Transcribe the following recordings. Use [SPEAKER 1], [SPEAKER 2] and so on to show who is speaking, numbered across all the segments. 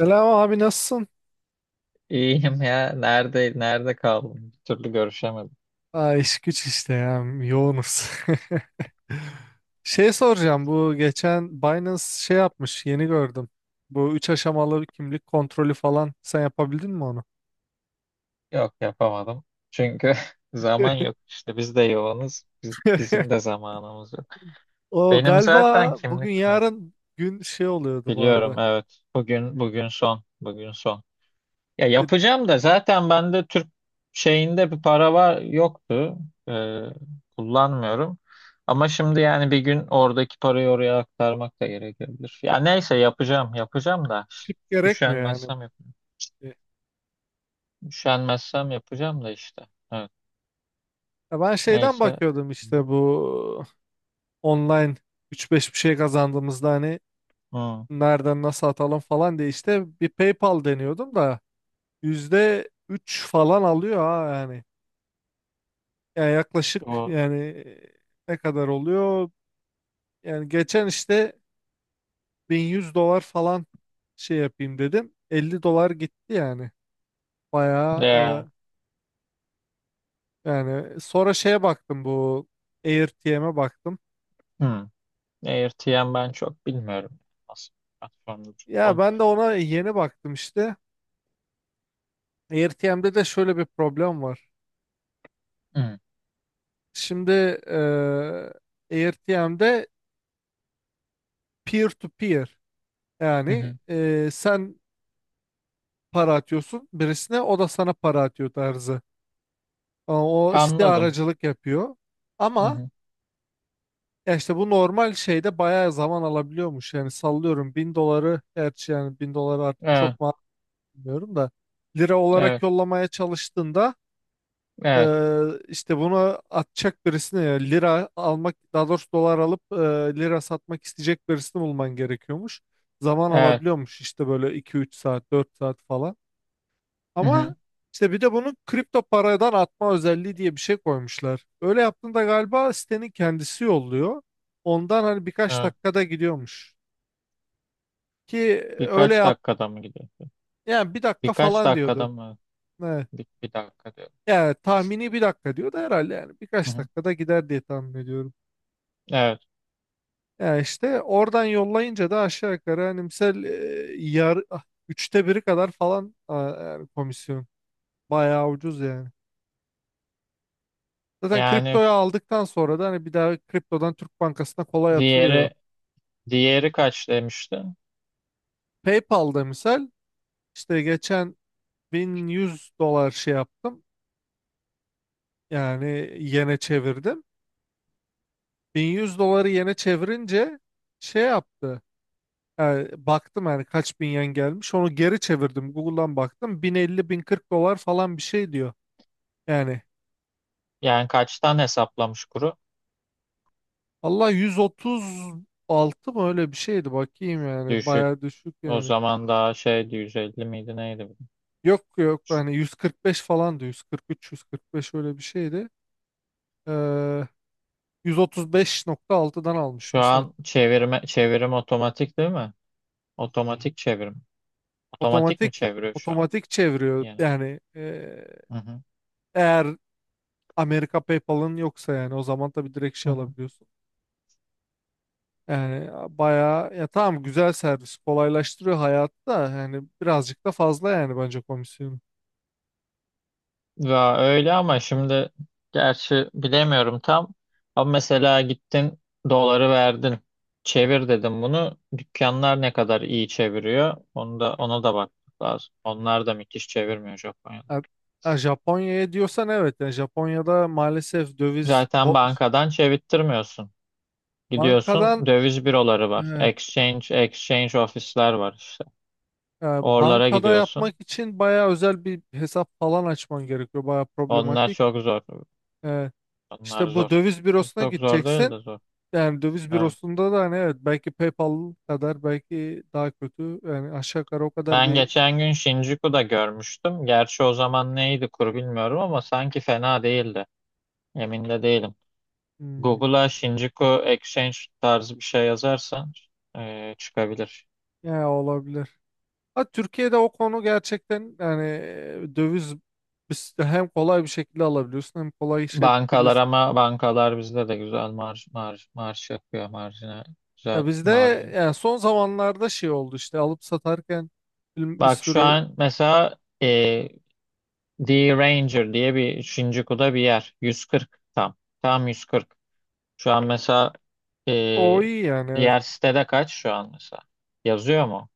[SPEAKER 1] Selam abi nasılsın?
[SPEAKER 2] İyiyim ya. Nerede kaldım? Bir türlü görüşemedim.
[SPEAKER 1] Aa, iş güç işte ya yoğunuz. Şey soracağım, bu geçen Binance şey yapmış, yeni gördüm. Bu üç aşamalı kimlik kontrolü falan, sen yapabildin mi onu?
[SPEAKER 2] Yok, yapamadım. Çünkü zaman yok işte. Biz de yoğunuz. Biz, bizim de zamanımız yok.
[SPEAKER 1] O
[SPEAKER 2] Benim
[SPEAKER 1] galiba
[SPEAKER 2] zaten
[SPEAKER 1] bugün
[SPEAKER 2] kimlik, evet,
[SPEAKER 1] yarın gün şey oluyordu bu arada.
[SPEAKER 2] biliyorum, evet. Bugün bugün son. Bugün son. Ya
[SPEAKER 1] E,
[SPEAKER 2] yapacağım da, zaten bende Türk şeyinde bir para var yoktu. Ee, kullanmıyorum. Ama şimdi yani bir gün oradaki parayı oraya aktarmak da gerekebilir. Ya neyse, yapacağım yapacağım da
[SPEAKER 1] tip gerekmiyor yani.
[SPEAKER 2] üşenmezsem yapacağım.
[SPEAKER 1] E,
[SPEAKER 2] Üşenmezsem yapacağım da işte. Evet.
[SPEAKER 1] Ya ben şeyden
[SPEAKER 2] Neyse.
[SPEAKER 1] bakıyordum işte, bu online üç beş bir şey kazandığımızda hani
[SPEAKER 2] Hı.
[SPEAKER 1] nereden nasıl atalım falan diye işte bir PayPal deniyordum da %3 falan alıyor ha yani. Yani yaklaşık
[SPEAKER 2] Bu
[SPEAKER 1] yani, ne kadar oluyor? Yani geçen işte 1.100 dolar falan şey yapayım dedim. 50 dolar gitti yani. Bayağı.
[SPEAKER 2] ya.
[SPEAKER 1] Yani sonra şeye baktım, bu AirTM'e baktım.
[SPEAKER 2] Hı. AirTM ben çok bilmiyorum. Nasıl bir platformda
[SPEAKER 1] Ya
[SPEAKER 2] telefon.
[SPEAKER 1] ben de ona yeni baktım işte. AirTM'de de şöyle bir problem var.
[SPEAKER 2] Hı.
[SPEAKER 1] Şimdi, e, AirTM'de peer to peer.
[SPEAKER 2] Hı
[SPEAKER 1] Yani,
[SPEAKER 2] hı.
[SPEAKER 1] sen para atıyorsun birisine, o da sana para atıyor tarzı. Ama o
[SPEAKER 2] Anladım.
[SPEAKER 1] istiharacılık yapıyor.
[SPEAKER 2] Hı
[SPEAKER 1] Ama
[SPEAKER 2] hı.
[SPEAKER 1] ya işte bu normal şeyde bayağı zaman alabiliyormuş. Yani sallıyorum 1.000 doları, gerçi yani 1.000 doları artık
[SPEAKER 2] Evet.
[SPEAKER 1] çok mu bilmiyorum da, lira olarak
[SPEAKER 2] Evet.
[SPEAKER 1] yollamaya çalıştığında, e,
[SPEAKER 2] Evet.
[SPEAKER 1] işte bunu atacak birisine, yani lira almak, daha doğrusu dolar alıp lira satmak isteyecek birisini bulman gerekiyormuş. Zaman
[SPEAKER 2] Evet.
[SPEAKER 1] alabiliyormuş işte, böyle iki üç saat 4 saat falan.
[SPEAKER 2] Hı hı.
[SPEAKER 1] Ama işte bir de bunu kripto paradan atma özelliği diye bir şey koymuşlar. Öyle yaptığında galiba sitenin kendisi yolluyor. Ondan hani birkaç
[SPEAKER 2] Evet.
[SPEAKER 1] dakikada gidiyormuş. Ki öyle
[SPEAKER 2] Birkaç
[SPEAKER 1] yap,
[SPEAKER 2] dakikada mı gidiyor?
[SPEAKER 1] yani bir dakika
[SPEAKER 2] Birkaç
[SPEAKER 1] falan
[SPEAKER 2] dakikada
[SPEAKER 1] diyordu.
[SPEAKER 2] mı?
[SPEAKER 1] Evet.
[SPEAKER 2] Bir dakika diyorum.
[SPEAKER 1] Yani tahmini bir dakika diyordu herhalde, yani
[SPEAKER 2] Hı
[SPEAKER 1] birkaç
[SPEAKER 2] hı.
[SPEAKER 1] dakikada gider diye tahmin ediyorum.
[SPEAKER 2] Evet.
[SPEAKER 1] Yani işte oradan yollayınca da aşağı yukarı hani misal, yar, ah, üçte biri kadar falan, yani komisyon. Bayağı ucuz yani. Zaten
[SPEAKER 2] Yani
[SPEAKER 1] kriptoyu aldıktan sonra da hani bir daha kriptodan Türk Bankası'na kolay atılıyor.
[SPEAKER 2] diğeri diğeri kaç demişti?
[SPEAKER 1] PayPal'da misal işte geçen 1100 dolar şey yaptım. Yani yene çevirdim. 1100 doları yene çevirince şey yaptı. Yani baktım yani kaç bin yen gelmiş. Onu geri çevirdim. Google'dan baktım. 1050-1040 dolar falan bir şey diyor. Yani
[SPEAKER 2] Yani kaçtan hesaplamış kuru?
[SPEAKER 1] Allah, 136 mı öyle bir şeydi. Bakayım yani.
[SPEAKER 2] Düşük.
[SPEAKER 1] Bayağı düşük
[SPEAKER 2] O
[SPEAKER 1] yani.
[SPEAKER 2] zaman daha şeydi, 150 miydi neydi bu?
[SPEAKER 1] Yok yok, hani 145 falandı, 143 145 öyle bir şeydi. Ee, 135.6'dan almış
[SPEAKER 2] Şu
[SPEAKER 1] misal.
[SPEAKER 2] an çevirme, çevirim otomatik değil mi? Otomatik çevirim. Otomatik mi
[SPEAKER 1] Otomatik
[SPEAKER 2] çeviriyor şu an?
[SPEAKER 1] otomatik çeviriyor
[SPEAKER 2] Yani.
[SPEAKER 1] yani,
[SPEAKER 2] Hı hı.
[SPEAKER 1] eğer Amerika PayPal'ın yoksa yani, o zaman tabii direkt
[SPEAKER 2] Hı
[SPEAKER 1] şey
[SPEAKER 2] hı.
[SPEAKER 1] alabiliyorsun. Yani bayağı, ya tamam, güzel servis, kolaylaştırıyor hayatı da, yani birazcık da fazla yani bence komisyonu.
[SPEAKER 2] Ya öyle, ama şimdi gerçi bilemiyorum tam. Ama mesela gittin, doları verdin. Çevir dedim bunu. Dükkanlar ne kadar iyi çeviriyor? Onu da, ona da bakmak lazım. Onlar da müthiş çevirmiyor Japonya'da.
[SPEAKER 1] Ha- ha, Japonya'ya diyorsan evet, yani Japonya'da maalesef döviz
[SPEAKER 2] Zaten bankadan çevirttirmiyorsun. Gidiyorsun,
[SPEAKER 1] bankadan
[SPEAKER 2] döviz büroları var.
[SPEAKER 1] e,
[SPEAKER 2] Exchange ofisler var işte.
[SPEAKER 1] E,
[SPEAKER 2] Oralara
[SPEAKER 1] bankada yapmak
[SPEAKER 2] gidiyorsun.
[SPEAKER 1] için bayağı özel bir hesap falan açman gerekiyor. Bayağı
[SPEAKER 2] Onlar
[SPEAKER 1] problematik.
[SPEAKER 2] çok zor.
[SPEAKER 1] E,
[SPEAKER 2] Onlar
[SPEAKER 1] işte bu
[SPEAKER 2] zor.
[SPEAKER 1] döviz bürosuna
[SPEAKER 2] Çok zor değil
[SPEAKER 1] gideceksin.
[SPEAKER 2] de zor.
[SPEAKER 1] Yani döviz
[SPEAKER 2] Evet.
[SPEAKER 1] bürosunda da hani, evet, belki PayPal kadar, belki daha kötü. Yani aşağı yukarı o kadar
[SPEAKER 2] Ben
[SPEAKER 1] bir,
[SPEAKER 2] geçen gün Shinjuku'da görmüştüm. Gerçi o zaman neydi kur bilmiyorum, ama sanki fena değildi. Emin de değilim.
[SPEAKER 1] hmm,
[SPEAKER 2] Google'a Shinjuku Exchange tarzı bir şey yazarsan çıkabilir.
[SPEAKER 1] ya olabilir. Ha, Türkiye'de o konu gerçekten yani, döviz, biz de hem kolay bir şekilde alabiliyorsun, hem kolay
[SPEAKER 2] Bankalar,
[SPEAKER 1] işleyebilirsin.
[SPEAKER 2] ama bankalar bizde de güzel marj yapıyor marjine.
[SPEAKER 1] Ya
[SPEAKER 2] Güzel
[SPEAKER 1] bizde
[SPEAKER 2] marj.
[SPEAKER 1] yani son zamanlarda şey oldu işte, alıp satarken bir
[SPEAKER 2] Bak şu
[SPEAKER 1] sürü,
[SPEAKER 2] an mesela, The Ranger diye bir Shinjuku'da bir yer. 140 tam. Tam 140. Şu an mesela, e,
[SPEAKER 1] o iyi yani.
[SPEAKER 2] diğer sitede kaç şu an mesela? Yazıyor mu?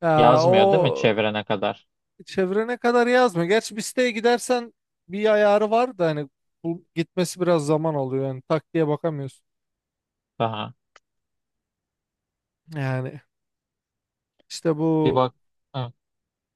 [SPEAKER 1] Ya,
[SPEAKER 2] Yazmıyor değil mi
[SPEAKER 1] o
[SPEAKER 2] çevrene kadar?
[SPEAKER 1] çevrene kadar yazmıyor. Gerçi bir siteye gidersen bir ayarı var da, hani bu gitmesi biraz zaman alıyor. Yani tak diye bakamıyorsun.
[SPEAKER 2] Daha.
[SPEAKER 1] Yani işte
[SPEAKER 2] Bir
[SPEAKER 1] bu
[SPEAKER 2] bak. Ha.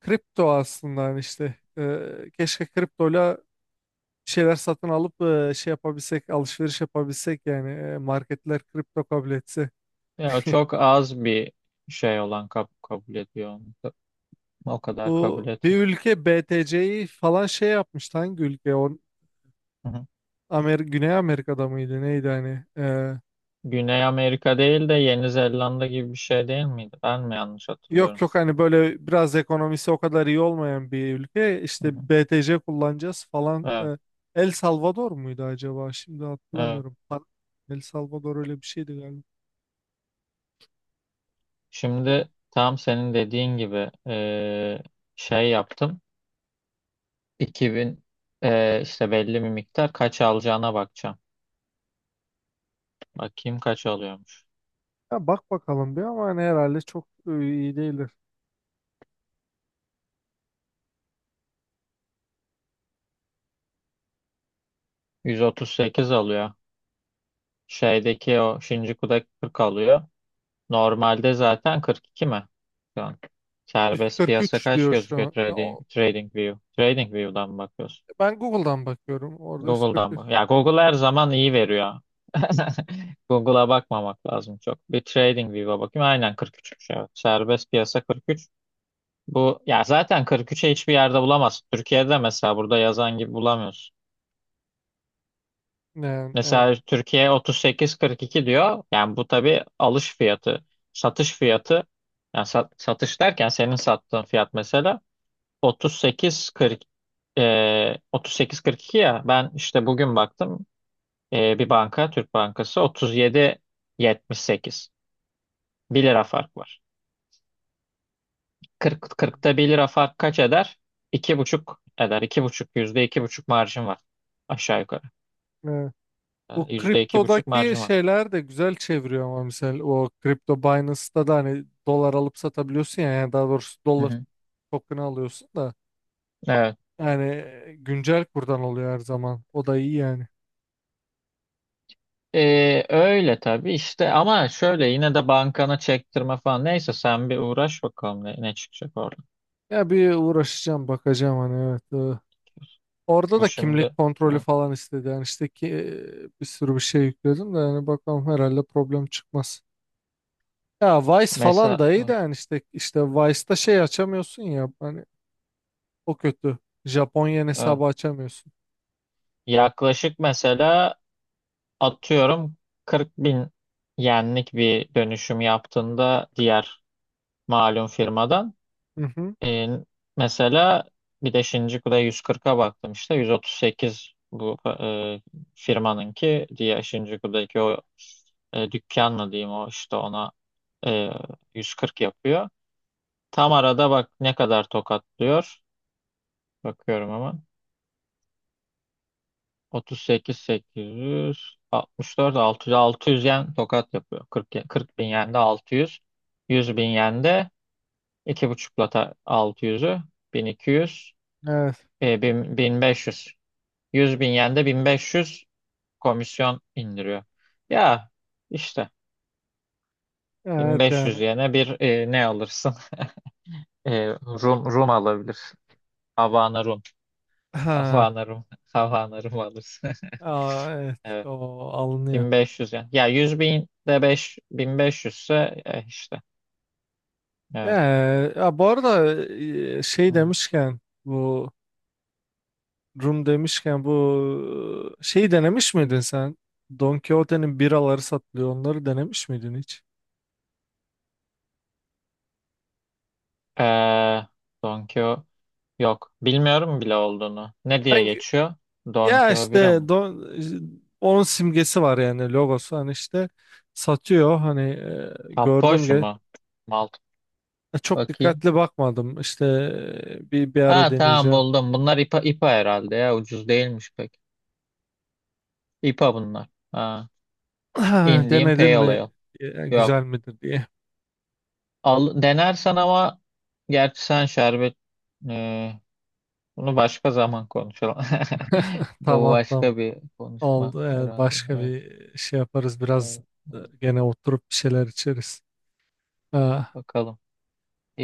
[SPEAKER 1] kripto aslında, hani işte, keşke kriptoyla bir şeyler satın alıp şey yapabilsek, alışveriş yapabilsek, yani marketler kripto kabul etse.
[SPEAKER 2] Ya çok az bir şey olan kabul ediyor onu. O kadar kabul
[SPEAKER 1] Bu bir
[SPEAKER 2] etmiyor.
[SPEAKER 1] ülke BTC'yi falan şey yapmıştı. Hangi ülke? O
[SPEAKER 2] Hı hı.
[SPEAKER 1] Güney Amerika'da mıydı? Neydi hani?
[SPEAKER 2] Güney Amerika değil de Yeni Zelanda gibi bir şey değil miydi? Ben mi yanlış
[SPEAKER 1] Yok
[SPEAKER 2] hatırlıyorum?
[SPEAKER 1] yok hani, böyle biraz ekonomisi o kadar iyi olmayan bir ülke
[SPEAKER 2] Hı hı.
[SPEAKER 1] işte, BTC kullanacağız falan.
[SPEAKER 2] Evet.
[SPEAKER 1] El Salvador muydu acaba? Şimdi
[SPEAKER 2] Evet.
[SPEAKER 1] hatırlamıyorum. El Salvador öyle bir şeydi galiba. E,
[SPEAKER 2] Şimdi tam senin dediğin gibi, şey yaptım. 2000, işte belli bir miktar kaç alacağına bakacağım. Bakayım kaç alıyormuş.
[SPEAKER 1] Ya bak bakalım bir, ama hani herhalde çok iyi değildir.
[SPEAKER 2] 138 alıyor. Şeydeki o Shinjuku'da 40 alıyor. Normalde zaten 42 mi? Şu an. Serbest piyasa
[SPEAKER 1] 143
[SPEAKER 2] kaç
[SPEAKER 1] diyor şu
[SPEAKER 2] gözüküyor,
[SPEAKER 1] an.
[SPEAKER 2] trading, trading view? Trading view'dan mı bakıyorsun?
[SPEAKER 1] Ben Google'dan bakıyorum. Orada
[SPEAKER 2] Google'dan
[SPEAKER 1] 143.
[SPEAKER 2] mı? Ya Google her zaman iyi veriyor. Google'a bakmamak lazım çok. Bir TradingView'a bakayım. Aynen 43'müş, evet. Serbest piyasa 43. Bu ya zaten 43'e hiçbir yerde bulamazsın. Türkiye'de mesela burada yazan gibi bulamıyorsun.
[SPEAKER 1] Yani evet.
[SPEAKER 2] Mesela Türkiye 38-42 diyor. Yani bu tabii alış fiyatı, satış fiyatı. Yani satış derken senin sattığın fiyat mesela 38-40, 38-42 ya. Ben işte bugün baktım. Bir banka, Türk Bankası 37,78. Bir lira fark var. 40,
[SPEAKER 1] Hmm,
[SPEAKER 2] 40'ta bir lira fark kaç eder? İki buçuk eder. İki buçuk, yüzde iki buçuk marjım var. Aşağı yukarı.
[SPEAKER 1] evet. Bu
[SPEAKER 2] Yüzde iki buçuk
[SPEAKER 1] kriptodaki
[SPEAKER 2] marjım var.
[SPEAKER 1] şeyler de güzel çeviriyor, ama mesela o kripto Binance'ta da hani dolar alıp satabiliyorsun ya, yani daha doğrusu
[SPEAKER 2] Hı
[SPEAKER 1] dolar
[SPEAKER 2] hı.
[SPEAKER 1] token'ı alıyorsun da,
[SPEAKER 2] Evet.
[SPEAKER 1] yani güncel kurdan oluyor her zaman. O da iyi yani.
[SPEAKER 2] Öyle tabii işte, ama şöyle yine de bankana çektirme falan, neyse sen bir uğraş, bakalım ne çıkacak orada.
[SPEAKER 1] Ya bir uğraşacağım, bakacağım hani, evet. Orada
[SPEAKER 2] Bu
[SPEAKER 1] da
[SPEAKER 2] şimdi,
[SPEAKER 1] kimlik kontrolü
[SPEAKER 2] evet.
[SPEAKER 1] falan istedi. Yani işte ki bir sürü bir şey yükledim de, yani bakalım herhalde problem çıkmaz. Ya Vice falan
[SPEAKER 2] Mesela
[SPEAKER 1] da iyi de
[SPEAKER 2] evet,
[SPEAKER 1] yani, işte Vice'da şey açamıyorsun ya hani, o kötü. Japonya
[SPEAKER 2] evet.
[SPEAKER 1] hesabı açamıyorsun.
[SPEAKER 2] Yaklaşık mesela, atıyorum, 40 bin yenlik bir dönüşüm yaptığında diğer malum firmadan,
[SPEAKER 1] Hı hı.
[SPEAKER 2] e, mesela bir de Shinjuku'da 140'a baktım işte, 138 bu, firmanınki diye Shinjuku'daki o dükkan mı diyeyim, o işte ona, e, 140 yapıyor. Tam arada bak ne kadar tokatlıyor. Bakıyorum, 38.864, 600, 600 yen tokat yapıyor. 40 40 bin yen de 600. 100 bin yen de 2,5'la 600'ü, 1200,
[SPEAKER 1] Evet.
[SPEAKER 2] 1500. 100 bin yen de 1500 komisyon indiriyor. Ya işte
[SPEAKER 1] Evet
[SPEAKER 2] 1500
[SPEAKER 1] yani.
[SPEAKER 2] yene bir, ne alırsın? E, Rum alabilir. Havana Rum.
[SPEAKER 1] Ha.
[SPEAKER 2] Havana Rum. Havana Rum alırsın.
[SPEAKER 1] Aa, evet.
[SPEAKER 2] Evet.
[SPEAKER 1] O alınıyor.
[SPEAKER 2] 1500 yani. Ya 100 bin de 5, 1500 ise, işte.
[SPEAKER 1] Ee,
[SPEAKER 2] Evet.
[SPEAKER 1] ya bu arada,
[SPEAKER 2] Hı
[SPEAKER 1] şey
[SPEAKER 2] hı.
[SPEAKER 1] demişken bu Rum demişken bu şeyi denemiş miydin sen? Don Quixote'nin biraları satılıyor. Onları denemiş miydin hiç?
[SPEAKER 2] Ee, Don Quijote, yok. Bilmiyorum bile olduğunu. Ne diye
[SPEAKER 1] Ben gü-
[SPEAKER 2] geçiyor? Don
[SPEAKER 1] ya
[SPEAKER 2] Quijote bira
[SPEAKER 1] işte
[SPEAKER 2] mı?
[SPEAKER 1] Don, onun simgesi var yani logosu, hani işte satıyor hani, gördüm
[SPEAKER 2] Tapboş
[SPEAKER 1] ki
[SPEAKER 2] mu? Malt.
[SPEAKER 1] çok
[SPEAKER 2] Bakayım.
[SPEAKER 1] dikkatli bakmadım işte, bir ara
[SPEAKER 2] Ha, tamam,
[SPEAKER 1] deneyeceğim.
[SPEAKER 2] buldum. Bunlar IPA herhalde ya. Ucuz değilmiş pek. IPA bunlar. Ha. Indian
[SPEAKER 1] Denedin
[SPEAKER 2] Pale
[SPEAKER 1] mi?
[SPEAKER 2] Ale.
[SPEAKER 1] E,
[SPEAKER 2] Yok.
[SPEAKER 1] Güzel midir diye.
[SPEAKER 2] Al, denersen, ama gerçi sen şerbet, e, bunu başka zaman konuşalım. Bu
[SPEAKER 1] Tamam tamam.
[SPEAKER 2] başka bir
[SPEAKER 1] Oldu.
[SPEAKER 2] konuşma
[SPEAKER 1] Evet.
[SPEAKER 2] herhalde.
[SPEAKER 1] Başka
[SPEAKER 2] Evet,
[SPEAKER 1] bir şey yaparız. Biraz
[SPEAKER 2] evet, evet.
[SPEAKER 1] gene oturup bir şeyler içeriz. Ha.
[SPEAKER 2] Bakalım.